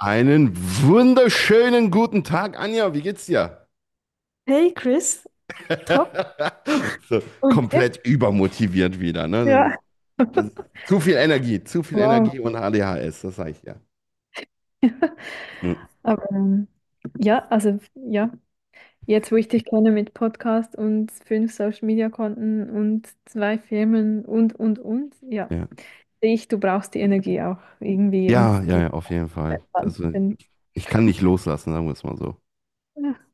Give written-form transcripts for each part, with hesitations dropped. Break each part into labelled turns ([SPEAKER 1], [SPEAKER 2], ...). [SPEAKER 1] Einen wunderschönen guten Tag, Anja. Wie geht's dir?
[SPEAKER 2] Hey Chris, top.
[SPEAKER 1] So,
[SPEAKER 2] Und dir?
[SPEAKER 1] komplett übermotiviert wieder, ne? Das ist,
[SPEAKER 2] Ja.
[SPEAKER 1] das ist zu viel
[SPEAKER 2] Wow.
[SPEAKER 1] Energie und ADHS, das sag ich ja. Hm.
[SPEAKER 2] Aber ja, jetzt wo ich dich kenne mit Podcast und fünf Social Media Konten und zwei Firmen ja,
[SPEAKER 1] Ja.
[SPEAKER 2] sehe ich, du brauchst die Energie auch irgendwie und
[SPEAKER 1] Ja,
[SPEAKER 2] du
[SPEAKER 1] ja, ja, auf jeden Fall.
[SPEAKER 2] entspannen zu
[SPEAKER 1] Also,
[SPEAKER 2] können.
[SPEAKER 1] ich kann nicht loslassen, sagen wir es mal so.
[SPEAKER 2] Ja.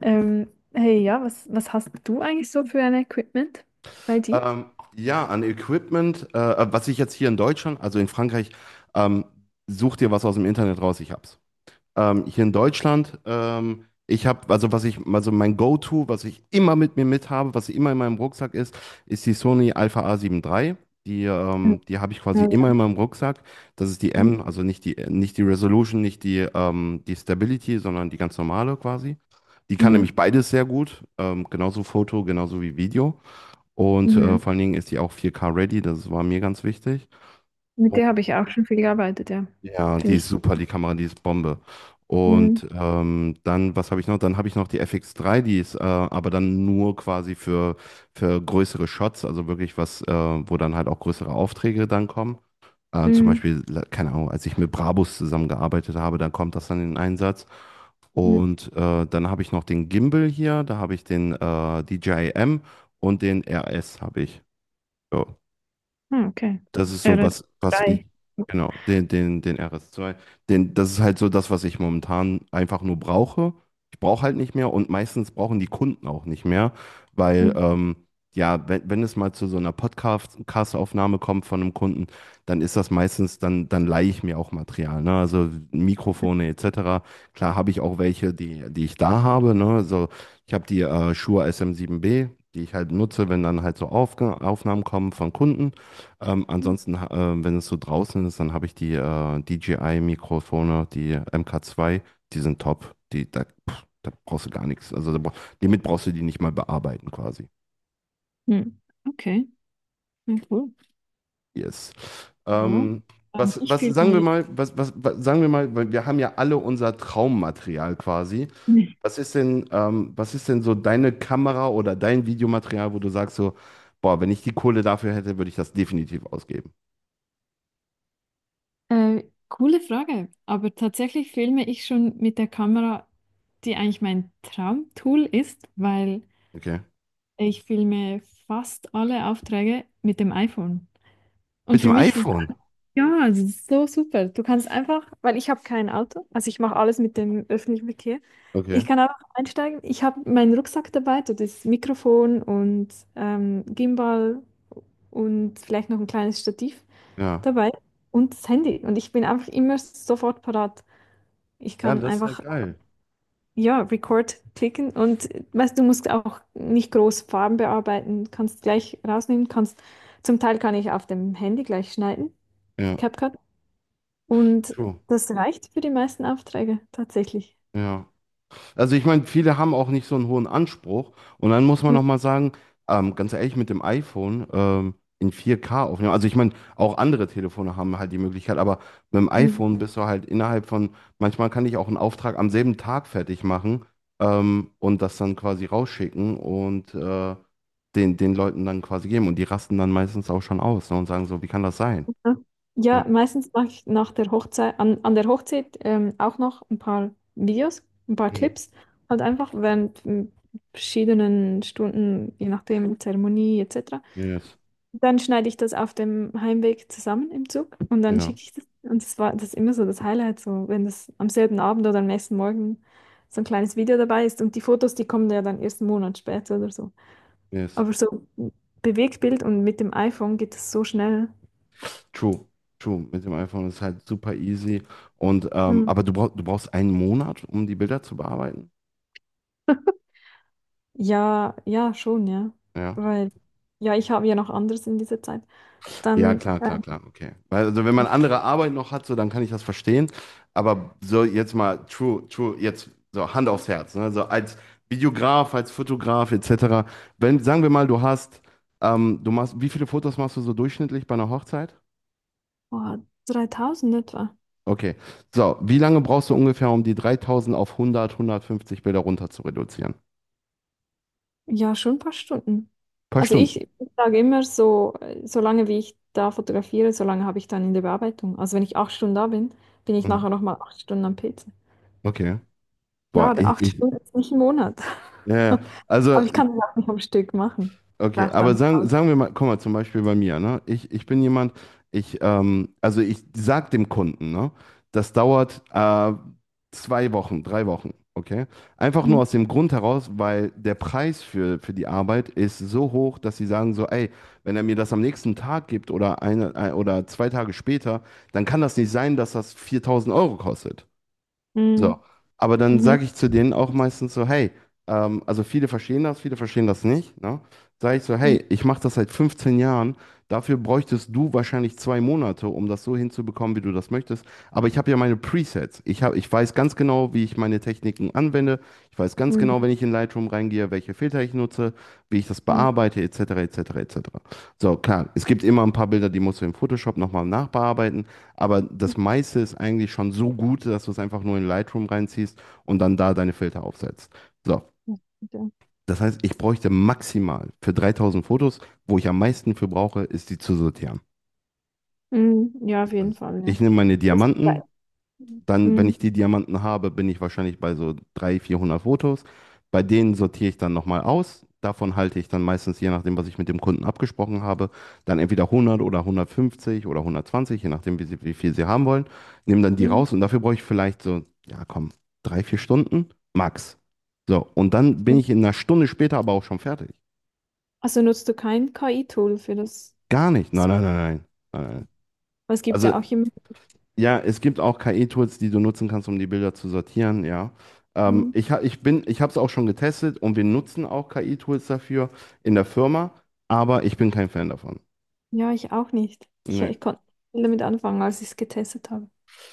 [SPEAKER 2] Ähm, hey, ja, was hast du eigentlich so für ein Equipment bei dir?
[SPEAKER 1] Ja, an Equipment, was ich jetzt hier in Deutschland, also in Frankreich, ähm, such dir was aus dem Internet raus, ich hab's. Hier in Deutschland, ich habe, also was ich, also mein Go-To, was ich immer mit mir mit habe, was immer in meinem Rucksack ist, ist die Sony Alpha A7 III. Die,
[SPEAKER 2] Ja,
[SPEAKER 1] ähm, die habe ich quasi
[SPEAKER 2] ja.
[SPEAKER 1] immer in meinem Rucksack. Das ist die M, also nicht die Resolution, nicht die Stability, sondern die ganz normale quasi. Die kann
[SPEAKER 2] Mhm,
[SPEAKER 1] nämlich beides sehr gut, genauso Foto, genauso wie Video. Und
[SPEAKER 2] mhm.
[SPEAKER 1] vor allen Dingen ist die auch 4K ready, das war mir ganz wichtig.
[SPEAKER 2] Mit der habe ich auch schon viel gearbeitet, ja.
[SPEAKER 1] Ja, die
[SPEAKER 2] Finde
[SPEAKER 1] ist
[SPEAKER 2] ich.
[SPEAKER 1] super, die Kamera, die ist Bombe.
[SPEAKER 2] Mhm,
[SPEAKER 1] Und dann, was habe ich noch? Dann habe ich noch die FX3, die ist aber dann nur quasi für größere Shots, also wirklich was, wo dann halt auch größere Aufträge dann kommen. Zum
[SPEAKER 2] mhm.
[SPEAKER 1] Beispiel, keine Ahnung, als ich mit Brabus zusammengearbeitet habe, dann kommt das dann in Einsatz.
[SPEAKER 2] Mhm.
[SPEAKER 1] Und dann habe ich noch den Gimbal hier, da habe ich den DJI M und den RS habe ich. Ja.
[SPEAKER 2] Ah, okay.
[SPEAKER 1] Das ist
[SPEAKER 2] Ja,
[SPEAKER 1] so,
[SPEAKER 2] das
[SPEAKER 1] was ich,
[SPEAKER 2] drei.
[SPEAKER 1] genau, den RS zwei das ist halt so das, was ich momentan einfach nur brauche. Ich brauche halt nicht mehr und meistens brauchen die Kunden auch nicht mehr, weil,
[SPEAKER 2] Mhm.
[SPEAKER 1] ja, wenn es mal zu so einer Podcast-Aufnahme kommt von einem Kunden, dann ist das meistens, dann leihe ich mir auch Material, ne? Also Mikrofone etc. Klar habe ich auch welche, die, die ich da habe, ne? Also ich habe die Shure SM7B, die ich halt nutze, wenn dann halt so Aufge Aufnahmen kommen von Kunden. Ansonsten, wenn es so draußen ist, dann habe ich die DJI-Mikrofone, die MK2, die sind top. Da brauchst du gar nichts. Also damit brauchst du die nicht mal bearbeiten quasi.
[SPEAKER 2] Hm. Okay, ja, cool.
[SPEAKER 1] Yes.
[SPEAKER 2] Ja.
[SPEAKER 1] Ähm,
[SPEAKER 2] Ich filme.
[SPEAKER 1] was sagen wir mal, weil wir haben ja alle unser Traummaterial quasi. Was ist denn so deine Kamera oder dein Videomaterial, wo du sagst so, boah, wenn ich die Kohle dafür hätte, würde ich das definitiv ausgeben.
[SPEAKER 2] Äh, coole Frage, aber tatsächlich filme ich schon mit der Kamera, die eigentlich mein Traumtool ist, weil
[SPEAKER 1] Okay.
[SPEAKER 2] ich filme fast alle Aufträge mit dem iPhone. Und
[SPEAKER 1] Mit
[SPEAKER 2] für
[SPEAKER 1] dem
[SPEAKER 2] mich ist,
[SPEAKER 1] iPhone.
[SPEAKER 2] ja, das ist so super. Du kannst einfach, weil ich habe kein Auto, also ich mache alles mit dem öffentlichen Verkehr. Ich
[SPEAKER 1] Okay.
[SPEAKER 2] kann einfach einsteigen. Ich habe meinen Rucksack dabei, so das Mikrofon und Gimbal und vielleicht noch ein kleines Stativ
[SPEAKER 1] Ja.
[SPEAKER 2] dabei und das Handy. Und ich bin einfach immer sofort parat. Ich
[SPEAKER 1] Ja,
[SPEAKER 2] kann
[SPEAKER 1] das ist halt
[SPEAKER 2] einfach,
[SPEAKER 1] geil.
[SPEAKER 2] ja, Record klicken und weißt, du musst auch nicht groß Farben bearbeiten, kannst gleich rausnehmen, kannst, zum Teil kann ich auf dem Handy gleich schneiden.
[SPEAKER 1] Ja,
[SPEAKER 2] CapCut. Und
[SPEAKER 1] true.
[SPEAKER 2] das reicht für die meisten Aufträge tatsächlich.
[SPEAKER 1] Ja. Also ich meine, viele haben auch nicht so einen hohen Anspruch. Und dann muss man nochmal sagen, ganz ehrlich, mit dem iPhone in 4K aufnehmen. Also ich meine, auch andere Telefone haben halt die Möglichkeit, aber mit dem
[SPEAKER 2] Mhm.
[SPEAKER 1] iPhone bist du halt innerhalb von, manchmal kann ich auch einen Auftrag am selben Tag fertig machen, und das dann quasi rausschicken und den, Leuten dann quasi geben. Und die rasten dann meistens auch schon aus, ne, und sagen so, wie kann das sein? Ja.
[SPEAKER 2] Ja, meistens mache ich nach der Hochzeit, an der Hochzeit auch noch ein paar Videos, ein paar
[SPEAKER 1] Hm.
[SPEAKER 2] Clips, halt einfach während verschiedenen Stunden, je nachdem, Zeremonie etc.
[SPEAKER 1] Yes.
[SPEAKER 2] Dann schneide ich das auf dem Heimweg zusammen im Zug und dann
[SPEAKER 1] Ja.
[SPEAKER 2] schicke ich das. Und das war das ist immer so das Highlight, so wenn das am selben Abend oder am nächsten Morgen so ein kleines Video dabei ist. Und die Fotos, die kommen ja dann erst einen Monat später oder so.
[SPEAKER 1] Yes.
[SPEAKER 2] Aber so Bewegtbild und mit dem iPhone geht es so schnell.
[SPEAKER 1] True, true. Mit dem iPhone ist halt super easy. Und
[SPEAKER 2] Hm.
[SPEAKER 1] aber du brauchst einen Monat, um die Bilder zu bearbeiten.
[SPEAKER 2] Ja, ja, schon, ja.
[SPEAKER 1] Ja.
[SPEAKER 2] Weil, ja, ich habe ja noch anderes in dieser Zeit.
[SPEAKER 1] Ja,
[SPEAKER 2] Dann,
[SPEAKER 1] klar, klar, klar. Okay. Weil, also wenn man andere Arbeit noch hat, so dann kann ich das verstehen. Aber so jetzt mal true, true, jetzt so Hand aufs Herz. Ne? So als Videograf, als Fotograf etc. Wenn, sagen wir mal, du machst, wie viele Fotos machst du so durchschnittlich bei einer Hochzeit?
[SPEAKER 2] oh, 3000 etwa.
[SPEAKER 1] Okay. So, wie lange brauchst du ungefähr, um die 3000 auf 100, 150 Bilder runter zu reduzieren? Ein
[SPEAKER 2] Ja, schon ein paar Stunden.
[SPEAKER 1] paar
[SPEAKER 2] Also
[SPEAKER 1] Stunden.
[SPEAKER 2] ich sage immer so, solange wie ich da fotografiere, solange habe ich dann in der Bearbeitung. Also wenn ich acht Stunden da bin, bin ich
[SPEAKER 1] Mhm.
[SPEAKER 2] nachher nochmal acht Stunden am PC.
[SPEAKER 1] Okay. Boah,
[SPEAKER 2] Klar, acht Stunden ist nicht ein Monat.
[SPEAKER 1] ja, ja. Also,
[SPEAKER 2] Aber ich kann das auch nicht am Stück machen. Ich
[SPEAKER 1] okay,
[SPEAKER 2] brauche
[SPEAKER 1] aber
[SPEAKER 2] dann
[SPEAKER 1] sagen,
[SPEAKER 2] Pause.
[SPEAKER 1] sagen wir mal, guck mal, zum Beispiel bei mir, ne? Ich bin jemand, also ich sag dem Kunden, ne? Das dauert 2 Wochen, 3 Wochen, okay? Einfach nur
[SPEAKER 2] Mhm.
[SPEAKER 1] aus dem Grund heraus, weil der Preis für die Arbeit ist so hoch, dass sie sagen so, ey, wenn er mir das am nächsten Tag gibt oder eine, ein, oder zwei Tage später, dann kann das nicht sein, dass das 4000 Euro kostet. So,
[SPEAKER 2] Mhm.
[SPEAKER 1] aber dann
[SPEAKER 2] Mhm.
[SPEAKER 1] sage ich zu denen auch meistens so, hey, also viele verstehen das nicht, ne? Sage ich so,
[SPEAKER 2] Mhm.
[SPEAKER 1] hey, ich mache das seit 15 Jahren, dafür bräuchtest du wahrscheinlich 2 Monate, um das so hinzubekommen, wie du das möchtest. Aber ich habe ja meine Presets. Ich weiß ganz genau, wie ich meine Techniken anwende. Ich weiß ganz
[SPEAKER 2] Mhm.
[SPEAKER 1] genau, wenn ich in Lightroom reingehe, welche Filter ich nutze, wie ich das
[SPEAKER 2] Mhm.
[SPEAKER 1] bearbeite, etc., etc., etc. So, klar, es gibt immer ein paar Bilder, die musst du in Photoshop nochmal nachbearbeiten. Aber das meiste ist eigentlich schon so gut, dass du es einfach nur in Lightroom reinziehst und dann da deine Filter aufsetzt. So,
[SPEAKER 2] Das,
[SPEAKER 1] das heißt, ich bräuchte maximal für 3000 Fotos, wo ich am meisten für brauche, ist die zu sortieren.
[SPEAKER 2] ja, mhm. Ja, auf
[SPEAKER 1] Das
[SPEAKER 2] jeden
[SPEAKER 1] heißt,
[SPEAKER 2] Fall, ja.
[SPEAKER 1] ich nehme meine
[SPEAKER 2] Das gleich.
[SPEAKER 1] Diamanten. Dann, wenn
[SPEAKER 2] Mhm.
[SPEAKER 1] ich die Diamanten habe, bin ich wahrscheinlich bei so 300, 400 Fotos. Bei denen sortiere ich dann nochmal aus. Davon halte ich dann meistens, je nachdem, was ich mit dem Kunden abgesprochen habe, dann entweder 100 oder 150 oder 120, je nachdem, wie viel sie haben wollen. Nehme dann die
[SPEAKER 2] Mhm.
[SPEAKER 1] raus und dafür brauche ich vielleicht so, ja komm, drei, vier Stunden max. So, und dann bin
[SPEAKER 2] Mhm.
[SPEAKER 1] ich in einer Stunde später aber auch schon fertig.
[SPEAKER 2] Also nutzt du kein KI-Tool für das?
[SPEAKER 1] Gar nicht. Nein, nein, nein, nein. Nein, nein.
[SPEAKER 2] Es gibt
[SPEAKER 1] Also
[SPEAKER 2] ja auch immer.
[SPEAKER 1] ja, es gibt auch KI-Tools, die du nutzen kannst, um die Bilder zu sortieren, ja.
[SPEAKER 2] Mhm.
[SPEAKER 1] Ich ha, ich bin, ich habe es auch schon getestet und wir nutzen auch KI-Tools dafür in der Firma, aber ich bin kein Fan davon.
[SPEAKER 2] Ja, ich auch nicht.
[SPEAKER 1] Nee.
[SPEAKER 2] Ich konnte nicht damit anfangen, als ich es getestet habe.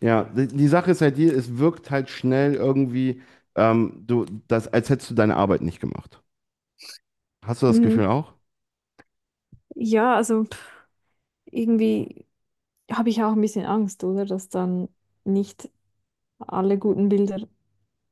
[SPEAKER 1] Ja, die Sache ist halt die, es wirkt halt schnell irgendwie, als hättest du deine Arbeit nicht gemacht. Hast du das
[SPEAKER 2] Mhm.
[SPEAKER 1] Gefühl auch?
[SPEAKER 2] Ja, also pff, irgendwie habe ich auch ein bisschen Angst, oder? Dass dann nicht alle guten Bilder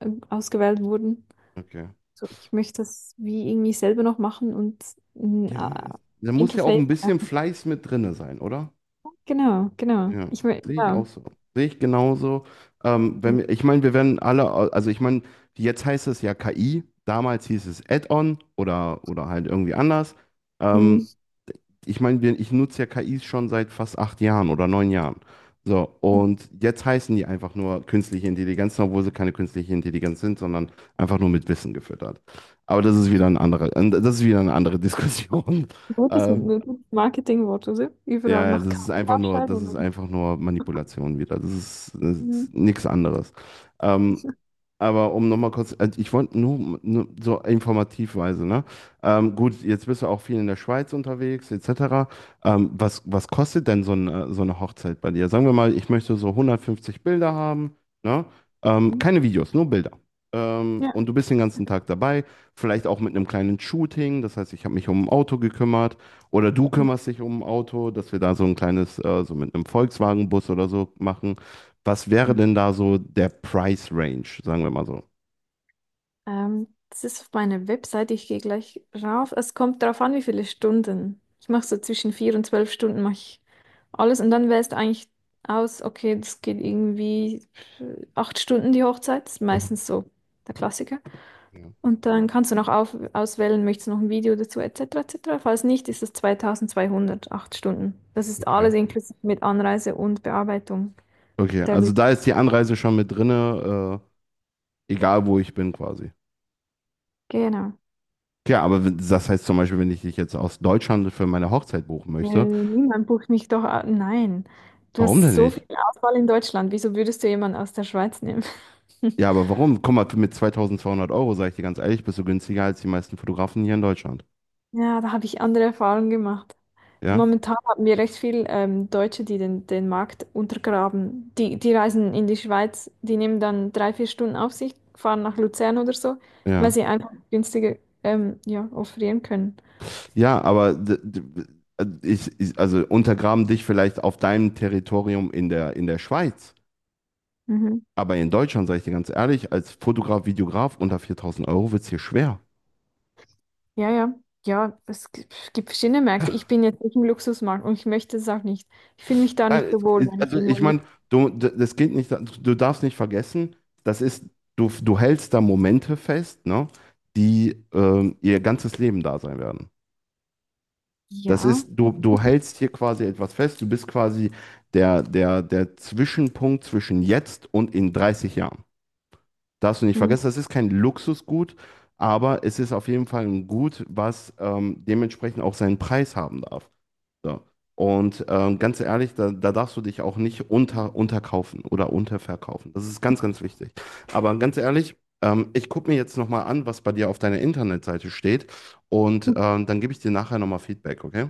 [SPEAKER 2] ausgewählt wurden.
[SPEAKER 1] Okay.
[SPEAKER 2] So, ich möchte das wie irgendwie selber noch machen und ein
[SPEAKER 1] Ja, da muss ja auch ein
[SPEAKER 2] Interface.
[SPEAKER 1] bisschen Fleiß mit drinne sein, oder?
[SPEAKER 2] Genau, genau.
[SPEAKER 1] Ja,
[SPEAKER 2] Ich meine,
[SPEAKER 1] sehe ich auch
[SPEAKER 2] ja.
[SPEAKER 1] so. Sehe ich genauso. Wenn wir, ich meine, wir werden alle, also ich meine, jetzt heißt es ja KI, damals hieß es Add-on oder halt irgendwie anders. Ähm,
[SPEAKER 2] Mhm.
[SPEAKER 1] ich meine, ich nutze ja KIs schon seit fast 8 Jahren oder 9 Jahren. So, und jetzt heißen die einfach nur künstliche Intelligenz, obwohl sie keine künstliche Intelligenz sind, sondern einfach nur mit Wissen gefüttert. Aber das ist wieder ein anderer, das ist wieder eine andere Diskussion.
[SPEAKER 2] Gutes,
[SPEAKER 1] Ähm,
[SPEAKER 2] gutes Marketingwort, oder? Überall
[SPEAKER 1] ja, ja, das
[SPEAKER 2] noch
[SPEAKER 1] ist
[SPEAKER 2] Kaffee
[SPEAKER 1] einfach nur,
[SPEAKER 2] aufschreiben.
[SPEAKER 1] das
[SPEAKER 2] Und
[SPEAKER 1] ist
[SPEAKER 2] dann-
[SPEAKER 1] einfach nur Manipulation wieder. Das ist, das
[SPEAKER 2] Mhm.
[SPEAKER 1] ist nichts anderes. Ähm, aber um nochmal kurz, ich wollte nur, so informativweise, ne? Gut, jetzt bist du auch viel in der Schweiz unterwegs, etc. Was kostet denn so eine Hochzeit bei dir? Sagen wir mal, ich möchte so 150 Bilder haben, ne?
[SPEAKER 2] Mhm.
[SPEAKER 1] Keine Videos, nur Bilder.
[SPEAKER 2] Ja.
[SPEAKER 1] Und du bist den ganzen Tag dabei, vielleicht auch mit einem kleinen Shooting, das heißt, ich habe mich um ein Auto gekümmert oder du kümmerst dich um ein Auto, dass wir da so ein kleines, so mit einem Volkswagen-Bus oder so machen. Was wäre
[SPEAKER 2] Mhm.
[SPEAKER 1] denn da so der Price Range, sagen wir mal so?
[SPEAKER 2] Das ist auf meiner Webseite. Ich gehe gleich rauf. Es kommt darauf an, wie viele Stunden. Ich mache so zwischen vier und zwölf Stunden mache ich alles und dann wählst du eigentlich aus, okay, das geht irgendwie acht Stunden die Hochzeit. Das ist
[SPEAKER 1] Mhm.
[SPEAKER 2] meistens so der Klassiker.
[SPEAKER 1] Ja,
[SPEAKER 2] Und dann kannst du noch auf, auswählen, möchtest du noch ein Video dazu, etc., etc. Falls nicht, ist es 2200, acht Stunden. Das ist
[SPEAKER 1] okay.
[SPEAKER 2] alles inklusive mit Anreise und Bearbeitung
[SPEAKER 1] Okay,
[SPEAKER 2] der
[SPEAKER 1] also
[SPEAKER 2] Bilder.
[SPEAKER 1] da ist die Anreise schon mit drinne, egal wo ich bin quasi.
[SPEAKER 2] Genau.
[SPEAKER 1] Ja, aber das heißt zum Beispiel, wenn ich dich jetzt aus Deutschland für meine Hochzeit buchen möchte,
[SPEAKER 2] Niemand bucht mich doch. A- nein. Du
[SPEAKER 1] warum
[SPEAKER 2] hast
[SPEAKER 1] denn
[SPEAKER 2] so viel
[SPEAKER 1] nicht?
[SPEAKER 2] Auswahl in Deutschland. Wieso würdest du jemanden aus der Schweiz nehmen?
[SPEAKER 1] Ja, aber warum? Guck mal, mit 2200 Euro, sage ich dir ganz ehrlich, bist du günstiger als die meisten Fotografen hier in Deutschland.
[SPEAKER 2] Ja, da habe ich andere Erfahrungen gemacht.
[SPEAKER 1] Ja,
[SPEAKER 2] Momentan haben wir recht viel Deutsche, den Markt untergraben. Die reisen in die Schweiz, die nehmen dann drei, vier Stunden auf sich, fahren nach Luzern oder so, weil
[SPEAKER 1] ja.
[SPEAKER 2] sie einfach günstiger ja, offerieren können.
[SPEAKER 1] Ja, aber also untergraben dich vielleicht auf deinem Territorium in der, Schweiz.
[SPEAKER 2] Mhm.
[SPEAKER 1] Aber in Deutschland, sage ich dir ganz ehrlich, als Fotograf, Videograf unter 4000 Euro wird es hier schwer.
[SPEAKER 2] Ja, ja. Ja, gibt verschiedene Märkte. Ich bin jetzt nicht im Luxusmarkt und ich möchte es auch nicht. Ich fühle mich da
[SPEAKER 1] Nein,
[SPEAKER 2] nicht so wohl, wenn ich
[SPEAKER 1] also
[SPEAKER 2] irgendwo
[SPEAKER 1] ich
[SPEAKER 2] im
[SPEAKER 1] meine,
[SPEAKER 2] Luxus.
[SPEAKER 1] das geht nicht, du darfst nicht vergessen, das ist, du hältst da Momente fest, ne, die ihr ganzes Leben da sein werden. Das ist,
[SPEAKER 2] Ja.
[SPEAKER 1] du, du hältst hier quasi etwas fest, du bist quasi der Zwischenpunkt zwischen jetzt und in 30 Jahren. Darfst du nicht
[SPEAKER 2] Mhm.
[SPEAKER 1] vergessen, das ist kein Luxusgut, aber es ist auf jeden Fall ein Gut, was dementsprechend auch seinen Preis haben darf. So. Und ganz ehrlich, da darfst du dich auch nicht unterkaufen oder unterverkaufen. Das ist ganz, ganz wichtig. Aber ganz ehrlich, ich gucke mir jetzt nochmal an, was bei dir auf deiner Internetseite steht. Und dann gebe ich dir nachher nochmal Feedback, okay?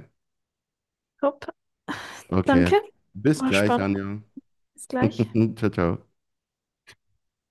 [SPEAKER 2] Top. Danke.
[SPEAKER 1] Okay. Bis
[SPEAKER 2] War
[SPEAKER 1] gleich,
[SPEAKER 2] spannend.
[SPEAKER 1] Anja.
[SPEAKER 2] Bis gleich.
[SPEAKER 1] Ciao, ciao.